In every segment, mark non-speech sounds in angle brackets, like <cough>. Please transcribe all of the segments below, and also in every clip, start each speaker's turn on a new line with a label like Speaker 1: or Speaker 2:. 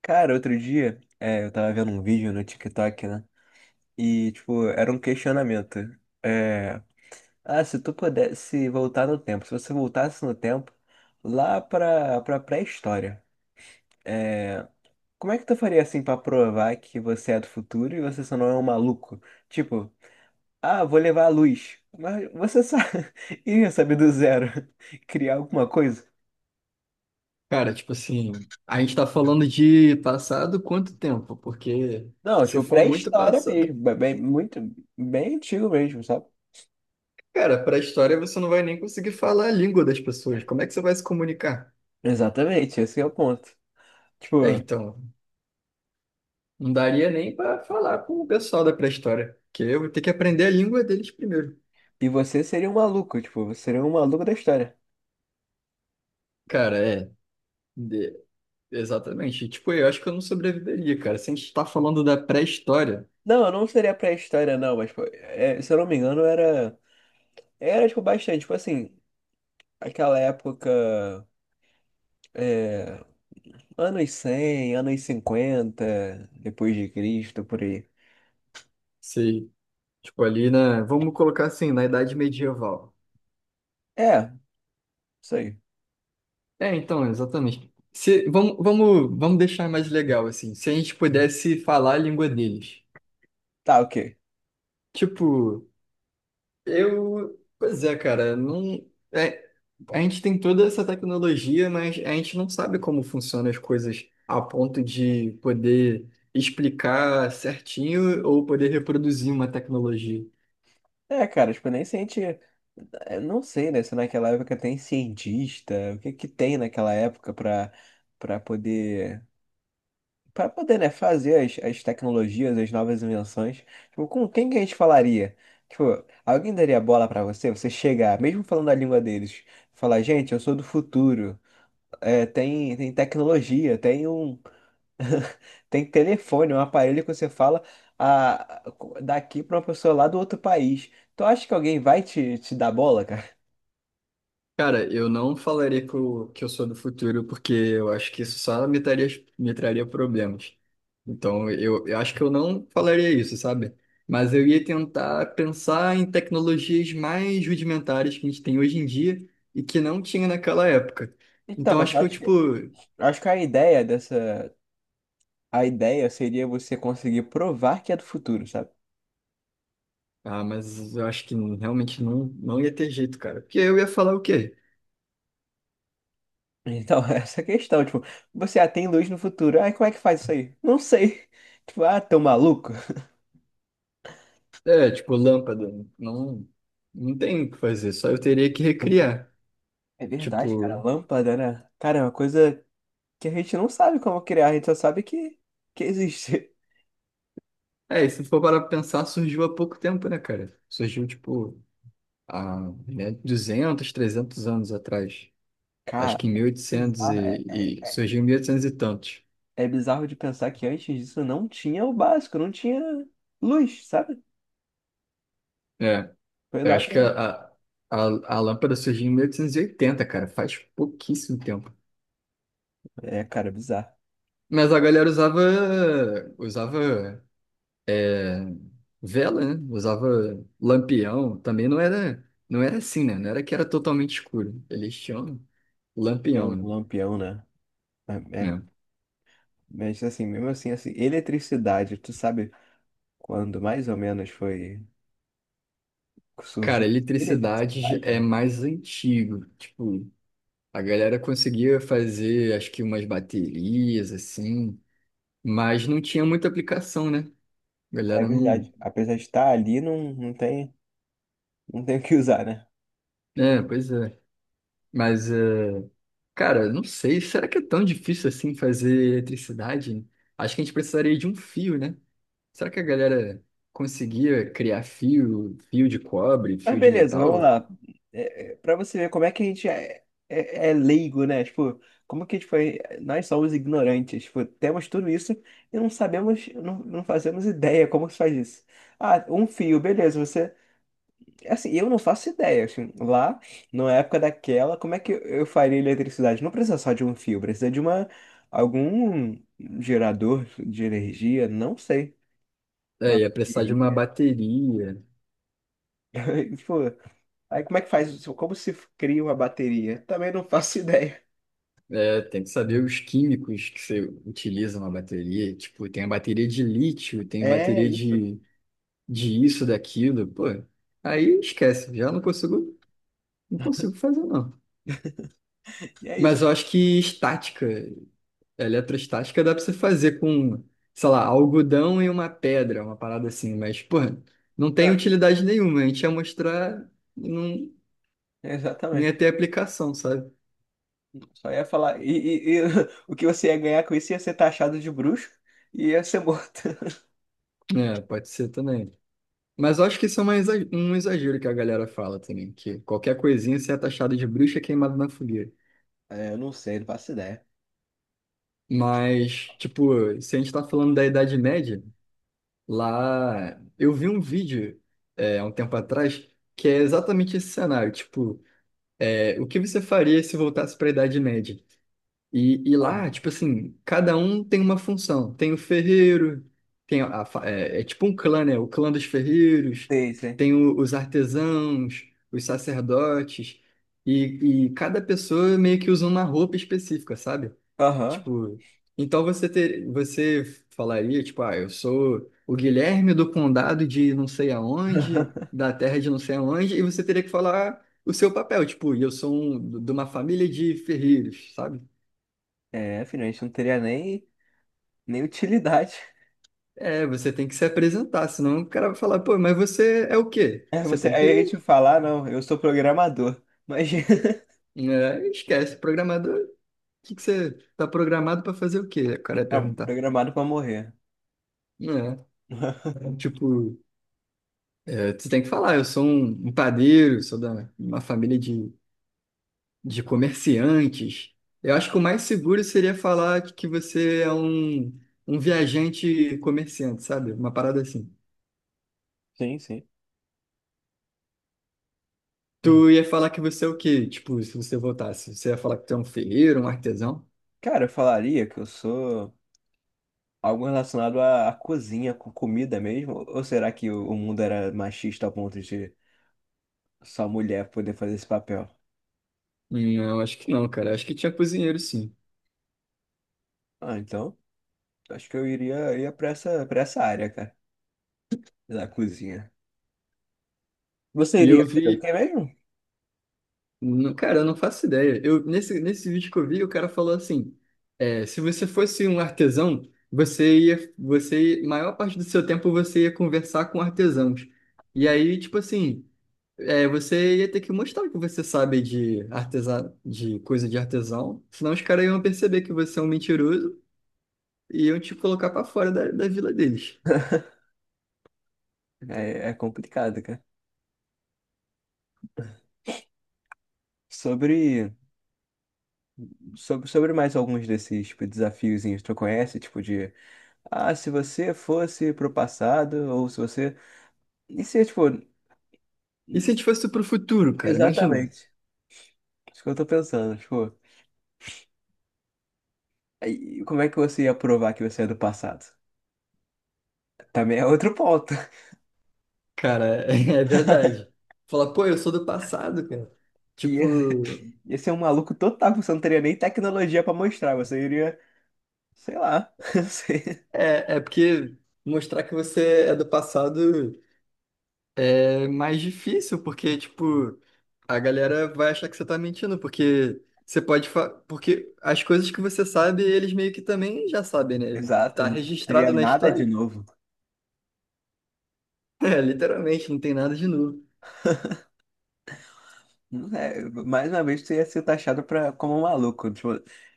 Speaker 1: Cara, outro dia, eu tava vendo um vídeo no TikTok, né? E, tipo, era um questionamento. É, ah, se você voltasse no tempo, lá pra pré-história, é, como é que tu faria assim pra provar que você é do futuro e você só não é um maluco? Tipo, ah, vou levar a luz. Mas você só <laughs> ia saber do zero <laughs> criar alguma coisa?
Speaker 2: Cara, tipo assim, a gente tá falando de passado quanto tempo? Porque
Speaker 1: Não,
Speaker 2: se
Speaker 1: tipo,
Speaker 2: for muito
Speaker 1: pré-história
Speaker 2: passado,
Speaker 1: mesmo, bem, muito, bem antigo mesmo, sabe?
Speaker 2: cara, pra história você não vai nem conseguir falar a língua das pessoas. Como é que você vai se comunicar?
Speaker 1: Exatamente, esse é o ponto.
Speaker 2: É,
Speaker 1: Tipo,
Speaker 2: então, não daria nem pra falar com o pessoal da pré-história, porque eu vou ter que aprender a língua deles primeiro.
Speaker 1: e você seria um maluco, tipo, você seria um maluco da história.
Speaker 2: Cara, é, de- exatamente. Tipo, eu acho que eu não sobreviveria, cara. Se a gente tá falando da pré-história,
Speaker 1: Não, eu não seria pré-história, não, mas, pô, se eu não me engano, era. Era, tipo, bastante. Tipo assim, aquela época. É, anos 100, anos 50 depois de Cristo, por aí.
Speaker 2: se, tipo, ali na, vamos colocar assim, na Idade Medieval.
Speaker 1: É, isso aí.
Speaker 2: É, então, exatamente. Se, vamos deixar mais legal, assim. Se a gente pudesse falar a língua deles.
Speaker 1: Tá, ok.
Speaker 2: Tipo, eu. Pois é, cara, não. é, a gente tem toda essa tecnologia, mas a gente não sabe como funcionam as coisas a ponto de poder explicar certinho ou poder reproduzir uma tecnologia.
Speaker 1: É, cara, tipo, nem senti. Eu não sei, né? Se naquela época tem cientista, o que que tem naquela época pra, pra poder. Para poder, né, fazer as tecnologias, as novas invenções, tipo, com quem que a gente falaria? Tipo, alguém daria bola para você? Você chegar, mesmo falando a língua deles, falar, gente, eu sou do futuro, tem tecnologia, tem telefone, um aparelho que você fala a, daqui para uma pessoa lá do outro país. Tu acha que alguém vai te dar bola, cara?
Speaker 2: Cara, eu não falaria que eu sou do futuro, porque eu acho que isso só me traria problemas. Então, eu acho que eu não falaria isso, sabe? Mas eu ia tentar pensar em tecnologias mais rudimentares que a gente tem hoje em dia e que não tinha naquela época.
Speaker 1: Então,
Speaker 2: Então,
Speaker 1: mas
Speaker 2: acho
Speaker 1: eu
Speaker 2: que eu,
Speaker 1: acho que,
Speaker 2: tipo,
Speaker 1: eu acho que a ideia seria você conseguir provar que é do futuro, sabe?
Speaker 2: ah, mas eu acho que realmente não ia ter jeito, cara. Porque eu ia falar o quê?
Speaker 1: Então, <laughs> essa é a questão, tipo, você atém luz no futuro. Ai, como é que faz isso aí? Não sei. <laughs> Tipo, ah, tão maluco.
Speaker 2: É, tipo, lâmpada. Não, não tem o que fazer, só eu teria que recriar.
Speaker 1: É verdade, cara.
Speaker 2: Tipo.
Speaker 1: Lâmpada, né? Cara, é uma coisa que a gente não sabe como criar, a gente só sabe que existe.
Speaker 2: É, e se for para pensar, surgiu há pouco tempo, né, cara? Surgiu, tipo, há, né, 200, 300 anos atrás.
Speaker 1: <laughs>
Speaker 2: Acho
Speaker 1: Cara,
Speaker 2: que em mil e, oitocentos
Speaker 1: bizarro. É,
Speaker 2: e
Speaker 1: é,
Speaker 2: surgiu em 1800 e oitocentos e tantos.
Speaker 1: é bizarro de pensar que antes disso não tinha o básico, não tinha luz, sabe?
Speaker 2: É,
Speaker 1: Foi
Speaker 2: eu
Speaker 1: lá
Speaker 2: acho que
Speaker 1: pra.
Speaker 2: a lâmpada surgiu em 1880, cara, faz pouquíssimo tempo.
Speaker 1: É, cara, bizarro.
Speaker 2: Mas a galera usava é, vela, né? Usava lampião. Também não era assim, né? Não era que era totalmente escuro. Eles tinham
Speaker 1: É
Speaker 2: lampião,
Speaker 1: um
Speaker 2: né?
Speaker 1: lampião, né? É, é-
Speaker 2: É.
Speaker 1: mas assim, mesmo assim, eletricidade, tu sabe quando mais ou menos foi.
Speaker 2: Cara,
Speaker 1: Surgiu
Speaker 2: eletricidade
Speaker 1: eletricidade,
Speaker 2: é
Speaker 1: né?
Speaker 2: mais antigo. Tipo, a galera conseguia fazer, acho que umas baterias, assim, mas não tinha muita aplicação, né? A
Speaker 1: É
Speaker 2: galera não.
Speaker 1: verdade. Apesar de estar ali, não, não tem o que usar, né?
Speaker 2: É, pois é. Mas, cara, não sei, será que é tão difícil assim fazer eletricidade? Acho que a gente precisaria de um fio, né? Será que a galera conseguia criar fio, fio de cobre,
Speaker 1: Mas
Speaker 2: fio de
Speaker 1: beleza, vamos
Speaker 2: metal?
Speaker 1: lá. Pra você ver como é que a gente é leigo, né? Tipo, como que a gente foi. Nós somos ignorantes. Tipo, temos tudo isso e não sabemos, não fazemos ideia como se faz isso. Ah, um fio, beleza. Você Assim, eu não faço ideia, assim, lá, na época daquela, como é que eu faria eletricidade? Não precisa só de um fio, precisa de algum gerador de energia, não sei,
Speaker 2: É,
Speaker 1: uma
Speaker 2: ia precisar de uma
Speaker 1: bateria.
Speaker 2: bateria.
Speaker 1: <laughs> Tipo, aí como é que faz isso? Como se cria uma bateria? Também não faço <laughs> ideia.
Speaker 2: É, tem que saber os químicos que você utiliza na bateria. Tipo, tem a bateria de lítio, tem
Speaker 1: É
Speaker 2: bateria
Speaker 1: isso,
Speaker 2: de, isso, daquilo. Pô, aí esquece, já não consigo fazer, não.
Speaker 1: e é
Speaker 2: Mas eu
Speaker 1: isso.
Speaker 2: acho que estática, eletrostática, dá pra você fazer com, sei lá, algodão e uma pedra, uma parada assim. Mas, pô, não tem
Speaker 1: Ah,
Speaker 2: utilidade nenhuma. A gente ia mostrar e não
Speaker 1: exatamente.
Speaker 2: ia ter aplicação, sabe?
Speaker 1: Só ia falar, e <laughs> o que você ia ganhar com isso ia ser taxado de bruxo e ia ser morto. <laughs>
Speaker 2: É, pode ser também. Mas eu acho que isso é um exagero que a galera fala também, que qualquer coisinha você é taxado de bruxa queimada na fogueira.
Speaker 1: É, eu não sei, não faço ideia.
Speaker 2: Mas, tipo, se a gente tá falando da Idade Média, lá eu vi um vídeo há um tempo atrás que é exatamente esse cenário. Tipo, o que você faria se voltasse para a Idade Média? E
Speaker 1: Ah,
Speaker 2: lá, tipo assim, cada um tem uma função. Tem o ferreiro, tem a, fa- é, é tipo um clã, né? O clã dos ferreiros,
Speaker 1: sei, sei.
Speaker 2: tem os artesãos, os sacerdotes, e cada pessoa meio que usa uma roupa específica, sabe?
Speaker 1: Aham.
Speaker 2: Tipo, então você falaria, tipo, ah, eu sou o Guilherme do condado de não sei aonde, da terra de não sei aonde, e você teria que falar o seu papel, tipo, e eu sou um, de uma família de ferreiros, sabe?
Speaker 1: É, filho, a gente não teria nem utilidade. <laughs>
Speaker 2: É, você tem que se apresentar, senão o cara vai falar, pô, mas você é o quê?
Speaker 1: É,
Speaker 2: Você tem
Speaker 1: aí a gente
Speaker 2: que.
Speaker 1: falar, não, eu sou programador. Mas <laughs>
Speaker 2: É, esquece, programador, o que que você tá programado para fazer o quê? O cara ia
Speaker 1: é
Speaker 2: perguntar.
Speaker 1: programado pra morrer.
Speaker 2: É, tipo, você tem que falar, eu sou um padeiro, sou da uma família de, comerciantes. Eu acho que o mais seguro seria falar que você é um viajante comerciante, sabe? Uma parada assim.
Speaker 1: Sim, sim.
Speaker 2: Tu
Speaker 1: Hum.
Speaker 2: ia falar que você é o quê? Tipo, se você voltasse, você ia falar que tu é um ferreiro, um artesão?
Speaker 1: Cara, eu falaria que eu sou algo relacionado à cozinha, com comida mesmo? Ou será que o mundo era machista ao ponto de só mulher poder fazer esse papel?
Speaker 2: Não, acho que não, cara. Acho que tinha cozinheiro, sim.
Speaker 1: Ah, então, acho que eu ia pra essa área, cara, da cozinha. Você
Speaker 2: E eu
Speaker 1: iria fazer o
Speaker 2: vi.
Speaker 1: quê mesmo?
Speaker 2: Cara, eu não faço ideia. Eu, nesse vídeo que eu vi, o cara falou assim: se você fosse um artesão, você ia. Maior parte do seu tempo você ia conversar com artesãos. E aí, tipo assim, você ia ter que mostrar que você sabe de artesã, de coisa de artesão. Senão os caras iam perceber que você é um mentiroso e iam te colocar pra fora da, vila deles.
Speaker 1: É complicado, cara. Sobre sobre mais alguns desses tipo, desafiozinhos, que tu conhece? Tipo de, ah, se você fosse pro passado, ou se você. E se, tipo,
Speaker 2: E se a gente fosse pro futuro, cara? Imagina.
Speaker 1: exatamente, isso que eu tô pensando, tipo, aí, como é que você ia provar que você é do passado? Também é outro ponto. <laughs>
Speaker 2: Cara, <laughs> é verdade. Falar, pô, eu sou do passado, cara.
Speaker 1: Ia,
Speaker 2: Tipo,
Speaker 1: ia ser um maluco total, você não teria nem tecnologia pra mostrar, você iria, sei lá, <laughs> não sei.
Speaker 2: porque mostrar que você é do passado é mais difícil, porque, tipo, a galera vai achar que você tá mentindo, porque as coisas que você sabe, eles meio que também já sabem, né?
Speaker 1: Exato,
Speaker 2: Tá
Speaker 1: não teria
Speaker 2: registrado na
Speaker 1: nada de
Speaker 2: história. <laughs>
Speaker 1: novo.
Speaker 2: É, literalmente, não tem nada de novo.
Speaker 1: Não é, mais uma vez, tu ia ser taxado como um maluco. Tipo,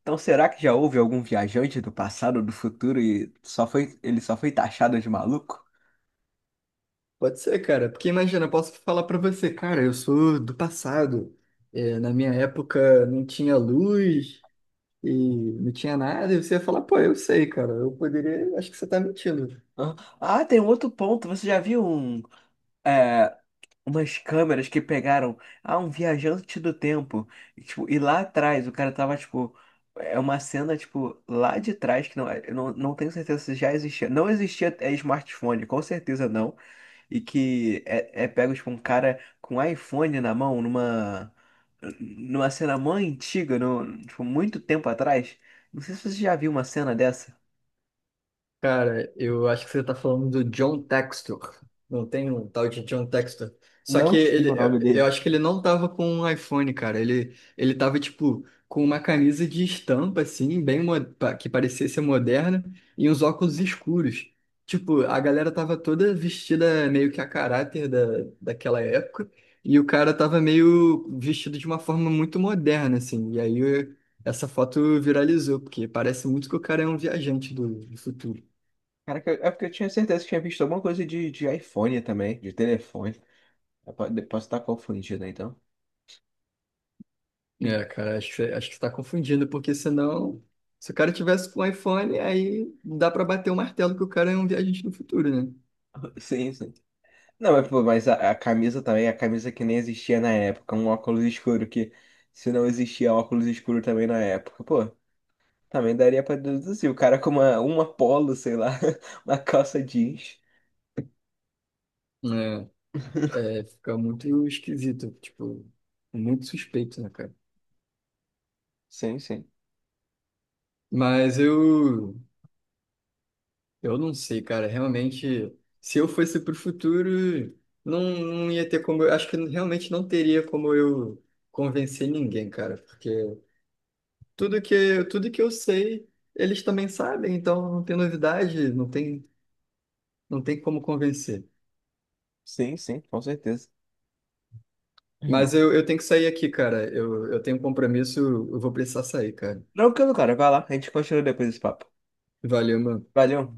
Speaker 1: então, será que já houve algum viajante do passado, do futuro, ele só foi taxado de maluco?
Speaker 2: Pode ser, cara, porque imagina, eu posso falar pra você, cara, eu sou do passado. É, na minha época não tinha luz. E não tinha nada, e você ia falar, pô, eu sei, cara, eu poderia, acho que você tá mentindo.
Speaker 1: Hã? Ah, tem um outro ponto. Você já viu é, umas câmeras que pegaram um viajante do tempo? E, tipo, lá atrás, o cara tava, tipo. É uma cena, tipo, lá de trás, que não, eu não tenho certeza se já existia. Não existia smartphone, com certeza não. E que é pego, tipo, um cara com iPhone na mão, numa cena mó antiga, no, tipo, muito tempo atrás. Não sei se você já viu uma cena dessa.
Speaker 2: Cara, eu acho que você tá falando do John Textor. Não tem um tal de John Textor. Só que
Speaker 1: Não sei o
Speaker 2: ele,
Speaker 1: nome
Speaker 2: eu
Speaker 1: dele.
Speaker 2: acho que ele não tava com um iPhone, cara. Ele tava, tipo, com uma camisa de estampa, assim, bem, que parecia ser moderna, e uns óculos escuros. Tipo, a galera tava toda vestida meio que a caráter da, daquela época, e o cara tava meio vestido de uma forma muito moderna, assim. E aí essa foto viralizou, porque parece muito que o cara é um viajante do futuro.
Speaker 1: Cara, é porque eu tinha certeza que tinha visto alguma coisa de, iPhone também, de telefone. Posso estar confundido, né, então?
Speaker 2: É, cara, acho que você tá confundindo, porque senão, se o cara tivesse com um iPhone, aí dá pra bater o martelo que o cara é um viajante do futuro, né?
Speaker 1: <laughs> Sim, sim. Não, mas, pô, mas a camisa também, a camisa que nem existia na época, um óculos escuro se não existia óculos escuro também na época, pô. Também daria pra deduzir. O cara com uma polo, sei lá, <laughs> uma calça jeans.
Speaker 2: É, fica muito esquisito, tipo, muito suspeito, né, cara?
Speaker 1: Sim, sim.
Speaker 2: Mas eu não sei, cara, realmente, se eu fosse pro futuro, não ia ter como, eu, acho que realmente não teria como eu convencer ninguém, cara, porque tudo que eu sei, eles também sabem, então não tem novidade, não tem como convencer.
Speaker 1: Sim, sim, com certeza. Uhum.
Speaker 2: Mas eu tenho que sair aqui, cara. Eu tenho um compromisso, eu vou precisar sair, cara.
Speaker 1: Tranquilo, cara. Vai lá. A gente continua depois desse papo.
Speaker 2: Valeu, mano.
Speaker 1: Valeu.